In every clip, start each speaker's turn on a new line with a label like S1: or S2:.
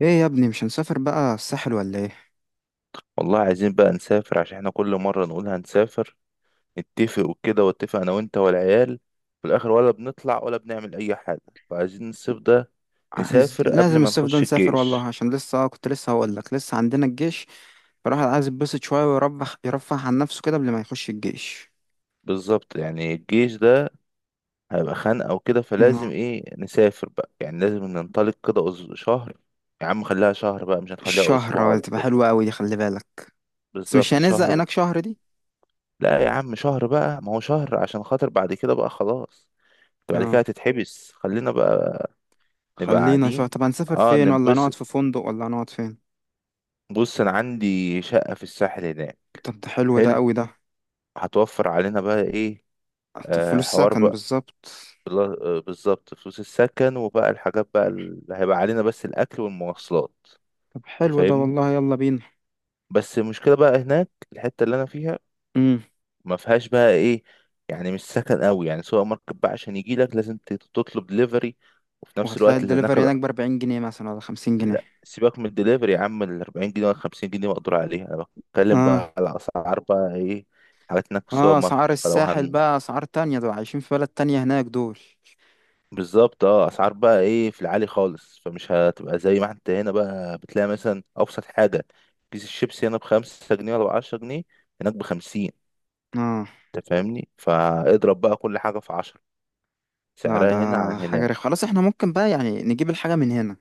S1: ايه يا ابني، مش هنسافر بقى الساحل ولا ايه؟
S2: والله عايزين بقى نسافر عشان احنا كل مرة نقول هنسافر، نتفق وكده، واتفق انا وانت والعيال في الاخر ولا بنطلع ولا بنعمل اي حاجة. فعايزين الصيف ده
S1: عايز،
S2: نسافر قبل
S1: لازم
S2: ما
S1: الصيف ده
S2: نخش
S1: نسافر والله،
S2: الجيش.
S1: عشان لسه كنت لسه هقول لك لسه عندنا الجيش. فالواحد عايز يتبسط شويه ويرفه عن نفسه كده قبل ما يخش الجيش.
S2: بالظبط، يعني الجيش ده هيبقى خانقة وكده، فلازم
S1: آه،
S2: ايه نسافر بقى، يعني لازم ننطلق كده شهر. يا عم خليها شهر بقى، مش هنخليها
S1: الشهر
S2: اسبوع ولا
S1: تبقى
S2: كده.
S1: حلوه قوي دي، خلي بالك. بس مش
S2: بالظبط
S1: هنزهق
S2: شهر بقى.
S1: هناك شهر دي؟
S2: لا يا عم شهر بقى، ما هو شهر عشان خاطر بعد كده بقى خلاص بعد كده
S1: اه،
S2: هتتحبس، خلينا بقى. نبقى
S1: خلينا شهر.
S2: قاعدين،
S1: طب هنسافر
S2: اه
S1: فين؟ ولا نقعد
S2: ننبسط.
S1: في فندق، ولا نقعد فين؟
S2: بص انا عندي شقة في الساحل هناك.
S1: طب ده حلو ده،
S2: حلو،
S1: قوي ده.
S2: هتوفر علينا بقى ايه.
S1: طب
S2: آه
S1: فلوس
S2: حوار
S1: سكن
S2: بقى.
S1: بالظبط.
S2: بالظبط، فلوس السكن، وبقى الحاجات بقى اللي هيبقى علينا بس الاكل والمواصلات.
S1: طب
S2: انت
S1: حلو ده
S2: فاهمني.
S1: والله، يلا بينا.
S2: بس المشكلة بقى هناك الحتة اللي انا فيها
S1: امم.
S2: ما فيهاش بقى ايه، يعني مش سكن قوي، يعني سوبر ماركت بقى عشان يجي لك لازم تطلب دليفري، وفي نفس
S1: وهتلاقي
S2: الوقت اللي هناك.
S1: الدليفري هناك بأربعين جنيه مثلا ولا خمسين
S2: لا
S1: جنيه؟
S2: سيبك من الدليفري يا عم، ال 40 جنيه ولا 50 جنيه بقدر عليها. انا بتكلم
S1: اه.
S2: بقى على اسعار بقى ايه، حاجات هناك في
S1: اه،
S2: السوبر
S1: اسعار
S2: ماركت فلو
S1: الساحل
S2: هن.
S1: بقى اسعار تانية، دول عايشين في بلد تانية هناك دول.
S2: بالظبط، اه اسعار بقى ايه في العالي خالص، فمش هتبقى زي ما انت هنا بقى بتلاقي، مثلا ابسط حاجه كيس الشيبسي هنا بخمسة جنيه ولا بعشرة جنيه، هناك بخمسين.
S1: اه.
S2: انت فاهمني؟ فاضرب بقى كل حاجه في عشرة
S1: لا
S2: سعرها
S1: ده
S2: هنا عن
S1: حاجة
S2: هناك.
S1: رخ، خلاص احنا ممكن بقى يعني نجيب الحاجة من هنا.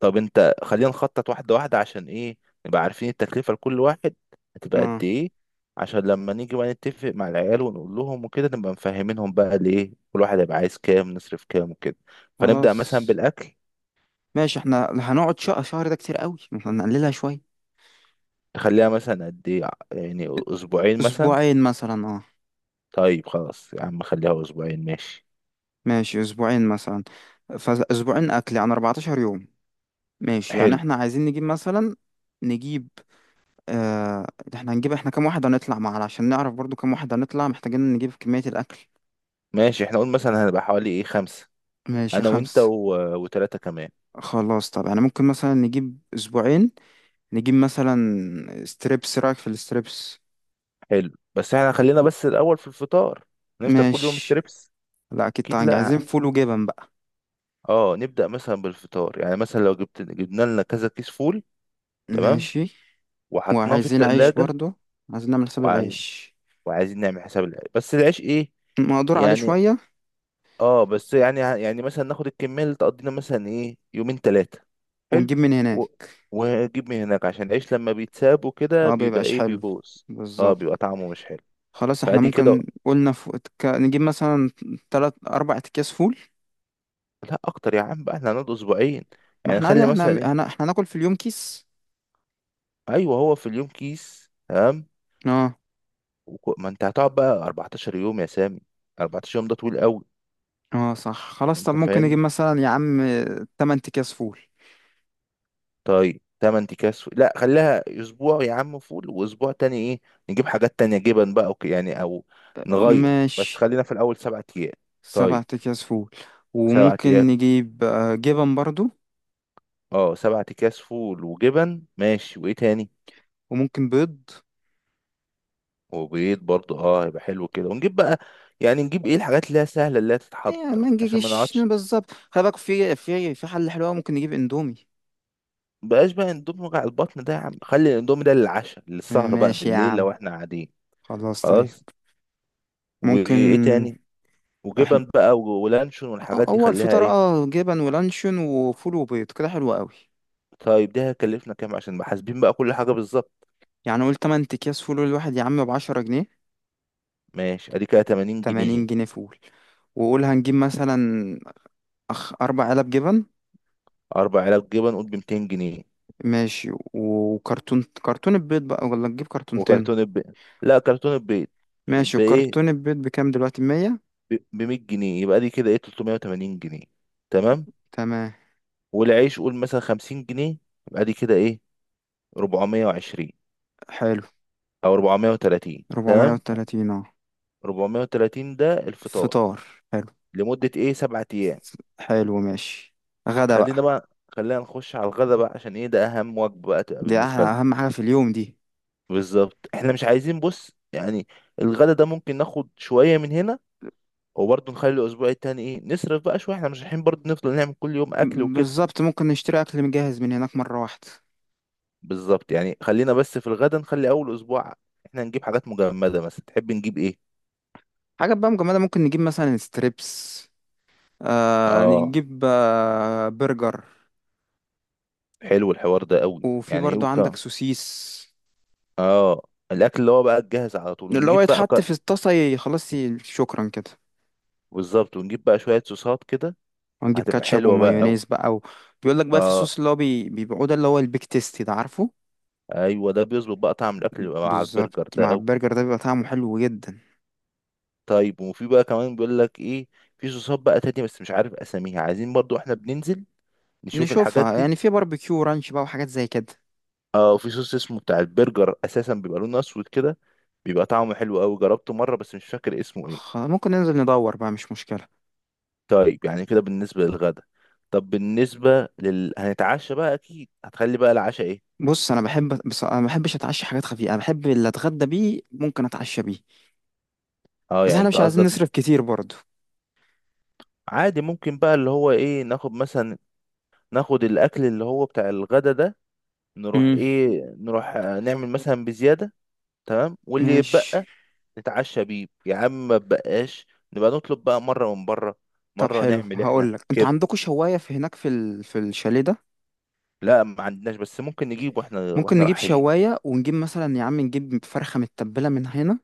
S2: طب انت خلينا نخطط واحدة واحدة، عشان ايه، نبقى عارفين التكلفة لكل واحد هتبقى قد
S1: اه.
S2: ايه، عشان لما نيجي بقى نتفق مع العيال ونقول لهم وكده نبقى مفهمينهم بقى الايه، كل واحد هيبقى عايز كام، نصرف كام وكده. فنبدأ مثلا
S1: خلاص
S2: بالأكل.
S1: ماشي. احنا هنقعد شهر؟ شهر ده كتير قوي، احنا نقللها شوية.
S2: تخليها مثلا قد ايه، يعني أسبوعين مثلا.
S1: اسبوعين مثلا اه.
S2: طيب خلاص يا عم خليها أسبوعين ماشي.
S1: ماشي اسبوعين مثلا. فاسبوعين اكل يعني 14 يوم. ماشي، يعني
S2: حلو.
S1: احنا عايزين نجيب مثلا، نجيب آه. احنا هنجيب، احنا كام واحد هنطلع معانا عشان نعرف برضو كام واحد هنطلع، محتاجين نجيب كمية الاكل.
S2: ماشي، احنا قلنا مثلا هنبقى حوالي ايه خمسة.
S1: ماشي
S2: أنا وأنت
S1: خمسة.
S2: وتلاتة كمان.
S1: خلاص. طب انا ممكن مثلا نجيب اسبوعين، نجيب مثلا ستريبس. رايك في الستريبس؟
S2: حلو. بس احنا خلينا بس الأول في الفطار، هنفطر كل يوم
S1: ماشي.
S2: ستريبس.
S1: لا اكيد
S2: أكيد
S1: طبعا، عايزين
S2: لأ.
S1: فول وجبن بقى.
S2: اه نبدأ مثلا بالفطار، يعني مثلا لو جبت جبنا لنا كذا كيس فول. تمام،
S1: ماشي.
S2: وحطيناه في
S1: وعايزين عيش
S2: التلاجة.
S1: برضو، عايزين نعمل حساب
S2: وعاي...
S1: العيش.
S2: وعايزين نعمل حساب العيش، بس العيش ايه
S1: مقدور عليه
S2: يعني.
S1: شوية.
S2: اه بس يعني يعني مثلا ناخد الكمية اللي تقضينا مثلا ايه يومين تلاتة. حلو.
S1: ونجيب من
S2: و...
S1: هناك.
S2: ونجيب من هناك، عشان العيش لما بيتساب وكده
S1: اه
S2: بيبقى
S1: بيبقاش
S2: ايه
S1: حلو.
S2: بيبوظ. اه
S1: بالظبط.
S2: بيبقى طعمه مش حلو.
S1: خلاص احنا
S2: فادي كده.
S1: ممكن قلنا نجيب مثلا تلات اربع اكياس فول.
S2: لا اكتر يا عم بقى، احنا هنقعد اسبوعين.
S1: ما
S2: يعني
S1: احنا عادي،
S2: خلي
S1: احنا
S2: مثلا ايه.
S1: احنا هناكل في اليوم كيس.
S2: ايوه، هو في اليوم كيس تمام.
S1: اه.
S2: ما انت هتقعد بقى 14 يوم يا سامي، 14 يوم ده طويل قوي.
S1: اه صح، خلاص طب
S2: انت
S1: ممكن نجيب
S2: فاهمني.
S1: مثلا يا عم تمن اكياس فول.
S2: طيب تمن اكياس فول. لا خليها اسبوع يا عم فول، واسبوع تاني ايه، نجيب حاجات تانية جبن بقى، يعني او نغير، بس
S1: ماشي،
S2: خلينا في الاول سبعة ايام.
S1: سبع
S2: طيب،
S1: أكياس فول.
S2: سبعة
S1: وممكن
S2: ايام.
S1: نجيب جبن برضو.
S2: اه سبعة اكياس فول وجبن ماشي، وايه تاني.
S1: وممكن بيض.
S2: وبيض برضه، اه هيبقى حلو كده، ونجيب بقى، يعني نجيب ايه الحاجات اللي هي سهلة اللي هي
S1: يعني
S2: تتحضر
S1: ما
S2: عشان ما
S1: نجيش
S2: نقعدش.
S1: بالظبط، خلي بالك، في حل حلو أوي، ممكن نجيب اندومي.
S2: بقاش بقى اندومي، وجع البطن ده يا عم، خلي الاندومي ده للعشاء للسهر بقى
S1: ماشي يا
S2: بالليل
S1: عم.
S2: لو احنا قاعدين.
S1: خلاص طيب.
S2: خلاص.
S1: ممكن.
S2: وايه تاني.
S1: احنا،
S2: وجبن بقى ولانشون والحاجات دي
S1: هو
S2: خليها
S1: الفطار
S2: ايه.
S1: اه جبن ولانشون وفول وبيض، كده حلو قوي.
S2: طيب ده هيكلفنا كام، عشان بقى حاسبين بقى كل حاجه بالظبط.
S1: يعني قول تمن أكياس فول، الواحد يا عم بعشرة جنيه.
S2: ماشي ادي كده 80
S1: تمانين
S2: جنيه
S1: جنيه فول. وقول هنجيب مثلا، أربع علب جبن.
S2: اربع علب جبن قول ب 200 جنيه.
S1: ماشي. وكرتون، كرتون البيض بقى ولا نجيب كرتونتين؟
S2: وكرتون البيض. لا كرتون البيض.
S1: ماشي،
S2: بايه،
S1: وكرتون البيض بكام دلوقتي؟ مية؟
S2: ب 100 جنيه. يبقى دي كده ايه 380 جنيه. تمام.
S1: تمام.
S2: والعيش قول مثلا 50 جنيه. يبقى دي كده ايه 420،
S1: حلو.
S2: او 430
S1: ربعمية
S2: تمام.
S1: وتلاتين اه.
S2: 430 ده الفطار
S1: فطار. حلو.
S2: لمده ايه 7 ايام.
S1: حلو ماشي. غدا بقى.
S2: خلينا بقى، خلينا نخش على الغدا بقى، عشان ايه ده اهم وجبة بقى تبقى
S1: دي أحلى،
S2: بالنسبة لنا.
S1: أهم حاجة في اليوم دي.
S2: بالظبط. احنا مش عايزين، بص يعني، الغدا ده ممكن ناخد شوية من هنا، وبرضه نخلي الاسبوع التاني ايه نصرف بقى شوية، احنا مش رايحين برضه نفضل نعمل كل يوم اكل وكده.
S1: بالظبط، ممكن نشتري أكل مجهز من هناك مرة واحدة.
S2: بالظبط، يعني خلينا بس في الغدا نخلي اول اسبوع احنا نجيب حاجات مجمدة، مثلا تحب نجيب ايه.
S1: حاجة بقى مجمدة، ممكن نجيب مثلا ستريبس، آه
S2: اه.
S1: نجيب آه برجر.
S2: حلو الحوار ده قوي،
S1: وفي
S2: يعني ايه
S1: برضو عندك
S2: وكا.
S1: سوسيس.
S2: اه الاكل اللي هو بقى الجاهز على طول،
S1: اللي هو
S2: ونجيب بقى
S1: يتحط في الطاسة شكرا كده.
S2: بالظبط، ونجيب بقى شوية صوصات كده،
S1: ونجيب
S2: هتبقى
S1: كاتشب
S2: حلوة بقى قوي.
S1: ومايونيز بقى و... بيقول لك بقى في
S2: اه
S1: صوص اللي هو بيبيعوه، ده اللي هو البيك تيستي ده، عارفه؟
S2: ايوه، ده بيظبط بقى طعم الاكل اللي بقى مع
S1: بالظبط،
S2: البرجر ده
S1: مع
S2: قوي.
S1: البرجر ده بيبقى طعمه حلو جدا.
S2: طيب، وفي بقى كمان بيقول لك ايه، في صوصات بقى تانية بس مش عارف اساميها، عايزين برضو احنا بننزل نشوف الحاجات
S1: نشوفها،
S2: دي.
S1: يعني في باربيكيو رانش بقى وحاجات زي كده.
S2: اه في صوص اسمه بتاع البرجر اساسا بيبقى لونه اسود كده، بيبقى طعمه حلو قوي، جربته مره بس مش فاكر اسمه ايه.
S1: ممكن ننزل ندور بقى، مش مشكلة.
S2: طيب يعني كده بالنسبه للغدا. طب بالنسبه لل هنتعشى بقى، اكيد هتخلي بقى العشاء ايه.
S1: بص انا بحب، بص انا ما بحبش اتعشى حاجات خفيفة، انا بحب اللي اتغدى بيه ممكن اتعشى بيه.
S2: اه
S1: بس
S2: يعني
S1: احنا
S2: انت
S1: مش عايزين
S2: قصدك.
S1: نصرف كتير برضو.
S2: عادي، ممكن بقى اللي هو ايه ناخد مثلا، ناخد الاكل اللي هو بتاع الغدا ده، نروح
S1: امم.
S2: ايه نروح نعمل مثلا بزيادة. تمام، واللي
S1: ماشي.
S2: يتبقى نتعشى بيه يا عم، ما تبقاش، نبقى نطلب بقى مرة من بره،
S1: طب
S2: مرة
S1: حلو،
S2: نعمل احنا
S1: هقول لك، انتوا
S2: كده.
S1: عندكم شواية في هناك في ال... في الشاليه ده؟
S2: لا ما عندناش، بس ممكن نجيب واحنا
S1: ممكن
S2: واحنا
S1: نجيب
S2: رايحين.
S1: شواية، ونجيب مثلا يا عم نجيب فرخة متبلة من هنا،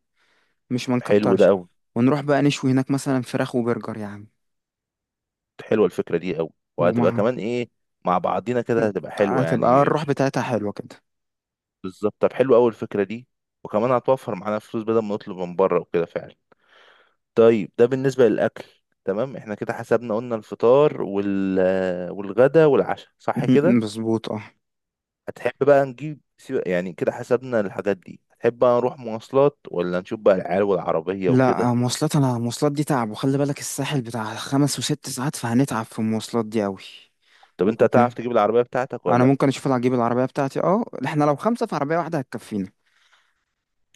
S1: مش ما
S2: حلو ده
S1: نكترش.
S2: قوي.
S1: ونروح بقى نشوي هناك مثلا فراخ وبرجر يا عم.
S2: حلوة الفكرة دي قوي، وهتبقى
S1: ومع،
S2: كمان ايه، مع بعضينا كده هتبقى حلوة
S1: هتبقى
S2: يعني.
S1: الروح بتاعتها حلوة كده.
S2: بالظبط، طب حلو قوي الفكرة دي، وكمان هتوفر معانا فلوس بدل ما نطلب من بره وكده فعلا. طيب ده بالنسبة للأكل. تمام احنا كده حسبنا، قلنا الفطار وال والغدا والعشاء صح كده.
S1: مظبوط اه.
S2: هتحب بقى نجيب يعني كده حسبنا الحاجات دي، هتحب بقى نروح مواصلات، ولا نشوف بقى العيال والعربية وكده.
S1: لا مواصلات، انا المواصلات دي تعب. وخلي بالك الساحل بتاع خمس وست ساعات، فهنتعب في المواصلات دي قوي.
S2: طب انت هتعرف
S1: وكب...
S2: تجيب العربية بتاعتك ولا
S1: انا
S2: لأ؟
S1: ممكن اشوف اجيب العربية بتاعتي، اه احنا لو خمسة في عربية واحدة هتكفينا.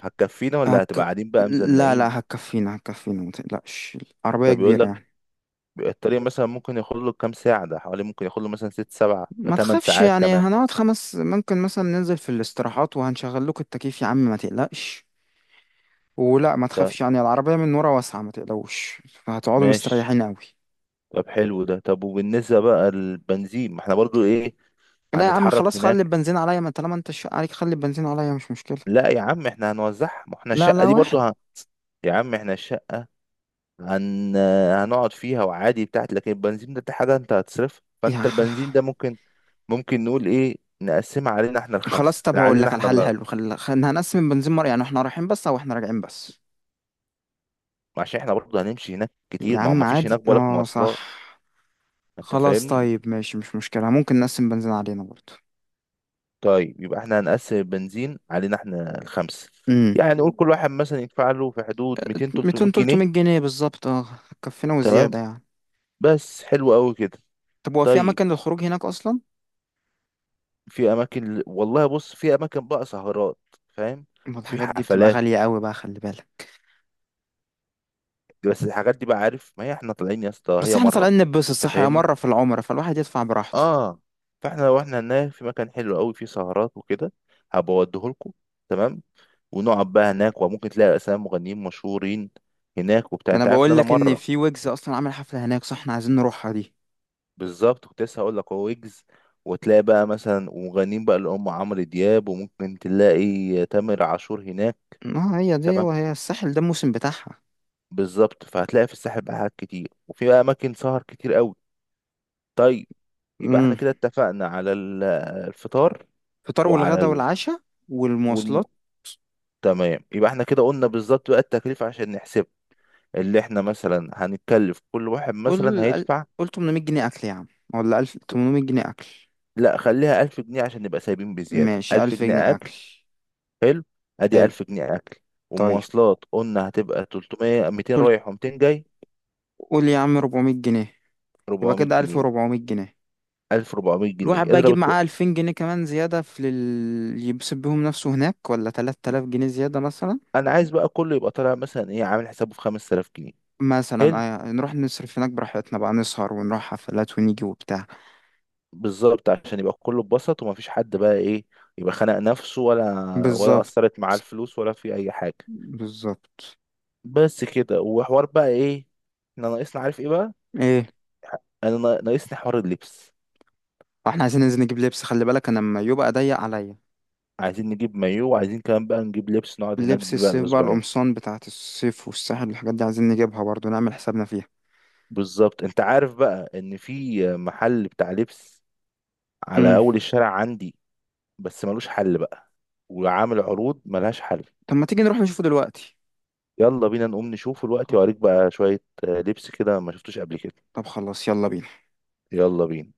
S2: هتكفينا ولا هتبقى
S1: هك...
S2: قاعدين بقى
S1: لا
S2: مزنقين.
S1: لا هتكفينا ما تقلقش، عربية
S2: ده بيقول
S1: كبيرة
S2: لك
S1: يعني.
S2: الطريق مثلا ممكن ياخد له كام ساعة، ده حوالي ممكن ياخد له مثلا ست سبعة
S1: ما
S2: تمن
S1: تخافش،
S2: ساعات
S1: يعني
S2: كمان.
S1: هنقعد خمس، ممكن مثلا ننزل في الاستراحات وهنشغل لكم التكييف يا عم ما تقلقش. ولا ما
S2: طيب
S1: تخافش، يعني العربية من ورا واسعة، ما تقلقوش، هتقعدوا
S2: ماشي.
S1: مستريحين قوي.
S2: طب حلو ده. طب وبالنسبة بقى للبنزين، ما احنا برضو ايه
S1: لا يا عم
S2: هنتحرك
S1: خلاص، خلي
S2: هناك.
S1: البنزين عليا، ما طالما انت الشق عليك خلي البنزين عليا، مش مشكلة.
S2: لا يا عم احنا هنوزعها، ما احنا
S1: لا
S2: الشقة
S1: لا
S2: دي برضو
S1: واحد،
S2: يا عم احنا الشقة هن... هنقعد فيها وعادي بتاعت، لكن البنزين ده حاجة انت هتصرفها، فانت
S1: يا
S2: البنزين ده ممكن، ممكن نقول ايه نقسمها علينا احنا
S1: خلاص.
S2: الخمسة،
S1: طب هقول
S2: علينا
S1: لك على
S2: احنا
S1: حل
S2: اللي،
S1: حلو، هنقسم البنزين مرة، يعني احنا رايحين بس او احنا راجعين بس.
S2: عشان احنا برضو هنمشي هناك
S1: يا
S2: كتير، ما هو
S1: عم
S2: ما فيش
S1: عادي
S2: هناك بالك
S1: اه صح.
S2: مواصلات. انت
S1: خلاص
S2: فاهمني.
S1: طيب ماشي، مش مشكلة، ممكن نقسم بنزين علينا برضه.
S2: طيب، يبقى احنا هنقسم البنزين علينا احنا الخمسة،
S1: امم.
S2: يعني نقول كل واحد مثلا يدفع له في حدود 200 300
S1: 200، 300
S2: جنيه
S1: جنيه بالظبط اه. هتكفينا
S2: تمام.
S1: وزيادة يعني.
S2: بس حلو قوي كده.
S1: طب هو في
S2: طيب،
S1: اماكن للخروج هناك اصلا؟
S2: في اماكن والله، بص في اماكن بقى سهرات. فاهم.
S1: ما
S2: في
S1: الحاجات دي بتبقى
S2: حفلات،
S1: غالية قوي بقى، خلي بالك.
S2: بس الحاجات دي بقى، عارف ما هي احنا طالعين يا اسطى
S1: بس
S2: هي
S1: احنا
S2: مره.
S1: طالعين نتبسط،
S2: انت
S1: صح، يا
S2: فاهمني.
S1: مرة في العمر، فالواحد يدفع براحته.
S2: اه، فاحنا لو احنا هناك في مكان حلو قوي فيه سهرات وكده، هبقى اوديهولكوا، تمام، ونقعد بقى هناك، وممكن تلاقي اسامي مغنيين مشهورين هناك وبتاع،
S1: ده انا
S2: انت عارف ان
S1: بقول
S2: انا
S1: لك ان
S2: مره.
S1: في ويجز اصلا عامل حفلة هناك، صح، احنا عايزين نروحها دي.
S2: بالظبط، كنت لسه هقول لك، هو ويجز، وتلاقي بقى مثلا ومغنيين بقى اللي هم عمرو دياب، وممكن تلاقي تامر عاشور هناك.
S1: اه هي دي،
S2: تمام.
S1: وهي الساحل ده الموسم بتاعها.
S2: بالظبط فهتلاقي في الساحل بقى حاجات كتير، وفي بقى اماكن سهر كتير قوي. طيب، يبقى احنا
S1: امم.
S2: كده اتفقنا على الفطار،
S1: فطار
S2: وعلى
S1: والغدا والعشاء.
S2: والم...
S1: والمواصلات.
S2: تمام، يبقى احنا كده قلنا بالظبط بقى التكلفة، عشان نحسب اللي احنا مثلا هنتكلف، كل واحد مثلا
S1: قول قل-
S2: هيدفع.
S1: قول 800 جنيه اكل يا عم، ولا 1000،
S2: ت-
S1: 800 جنيه اكل.
S2: لا خليها 1000 جنيه عشان نبقى سايبين بزيادة،
S1: ماشي،
S2: 1000
S1: 1000
S2: جنيه
S1: جنيه اكل.
S2: أكل. حلو. أدي
S1: حلو.
S2: 1000 جنيه أكل.
S1: طيب.
S2: ومواصلات قلنا هتبقى 300، 200
S1: قول
S2: رايح وميتين جاي.
S1: قول يا عم 400 جنيه. يبقى
S2: ربعمية
S1: كده
S2: جنيه
S1: 1400 جنيه.
S2: 1400 جنيه
S1: الواحد بقى يجيب
S2: اضرب.
S1: معاه 2000 جنيه كمان زيادة في يبسط بيهم نفسه هناك، ولا 3000 جنيه زيادة مثلا.
S2: انا عايز بقى كله يبقى طالع مثلا ايه عامل حسابه في 5000 جنيه.
S1: مثلا
S2: حلو.
S1: آه، نروح نصرف هناك براحتنا بقى، نسهر ونروح حفلات ونيجي وبتاع.
S2: بالظبط، عشان يبقى كله اتبسط ومفيش حد بقى ايه يبقى خانق نفسه، ولا ولا
S1: بالظبط.
S2: اثرت معاه الفلوس، ولا في اي حاجه.
S1: بالظبط.
S2: بس كده، وحوار بقى ايه احنا ناقصنا عارف ايه بقى.
S1: ايه؟
S2: انا ناقصني حوار اللبس،
S1: واحنا عايزين ننزل نجيب لبس، خلي بالك انا لما يبقى ضيق عليا.
S2: عايزين نجيب مايو، وعايزين كمان بقى نجيب لبس نقعد هناك
S1: لبس
S2: بيه بقى
S1: الصيف بقى،
S2: الاسبوعين.
S1: القمصان بتاعت الصيف والساحل والحاجات دي عايزين نجيبها برضو، نعمل حسابنا فيها.
S2: بالظبط، انت عارف بقى ان في محل بتاع لبس على
S1: امم.
S2: اول الشارع عندي، بس ملوش حل بقى، وعامل عروض ملهاش حل.
S1: طب ما تيجي نروح نشوفه دلوقتي.
S2: يلا بينا نقوم نشوفه دلوقتي، وأوريك بقى شوية لبس كده ما شفتوش قبل كده.
S1: طب خلاص، يلا بينا.
S2: يلا بينا.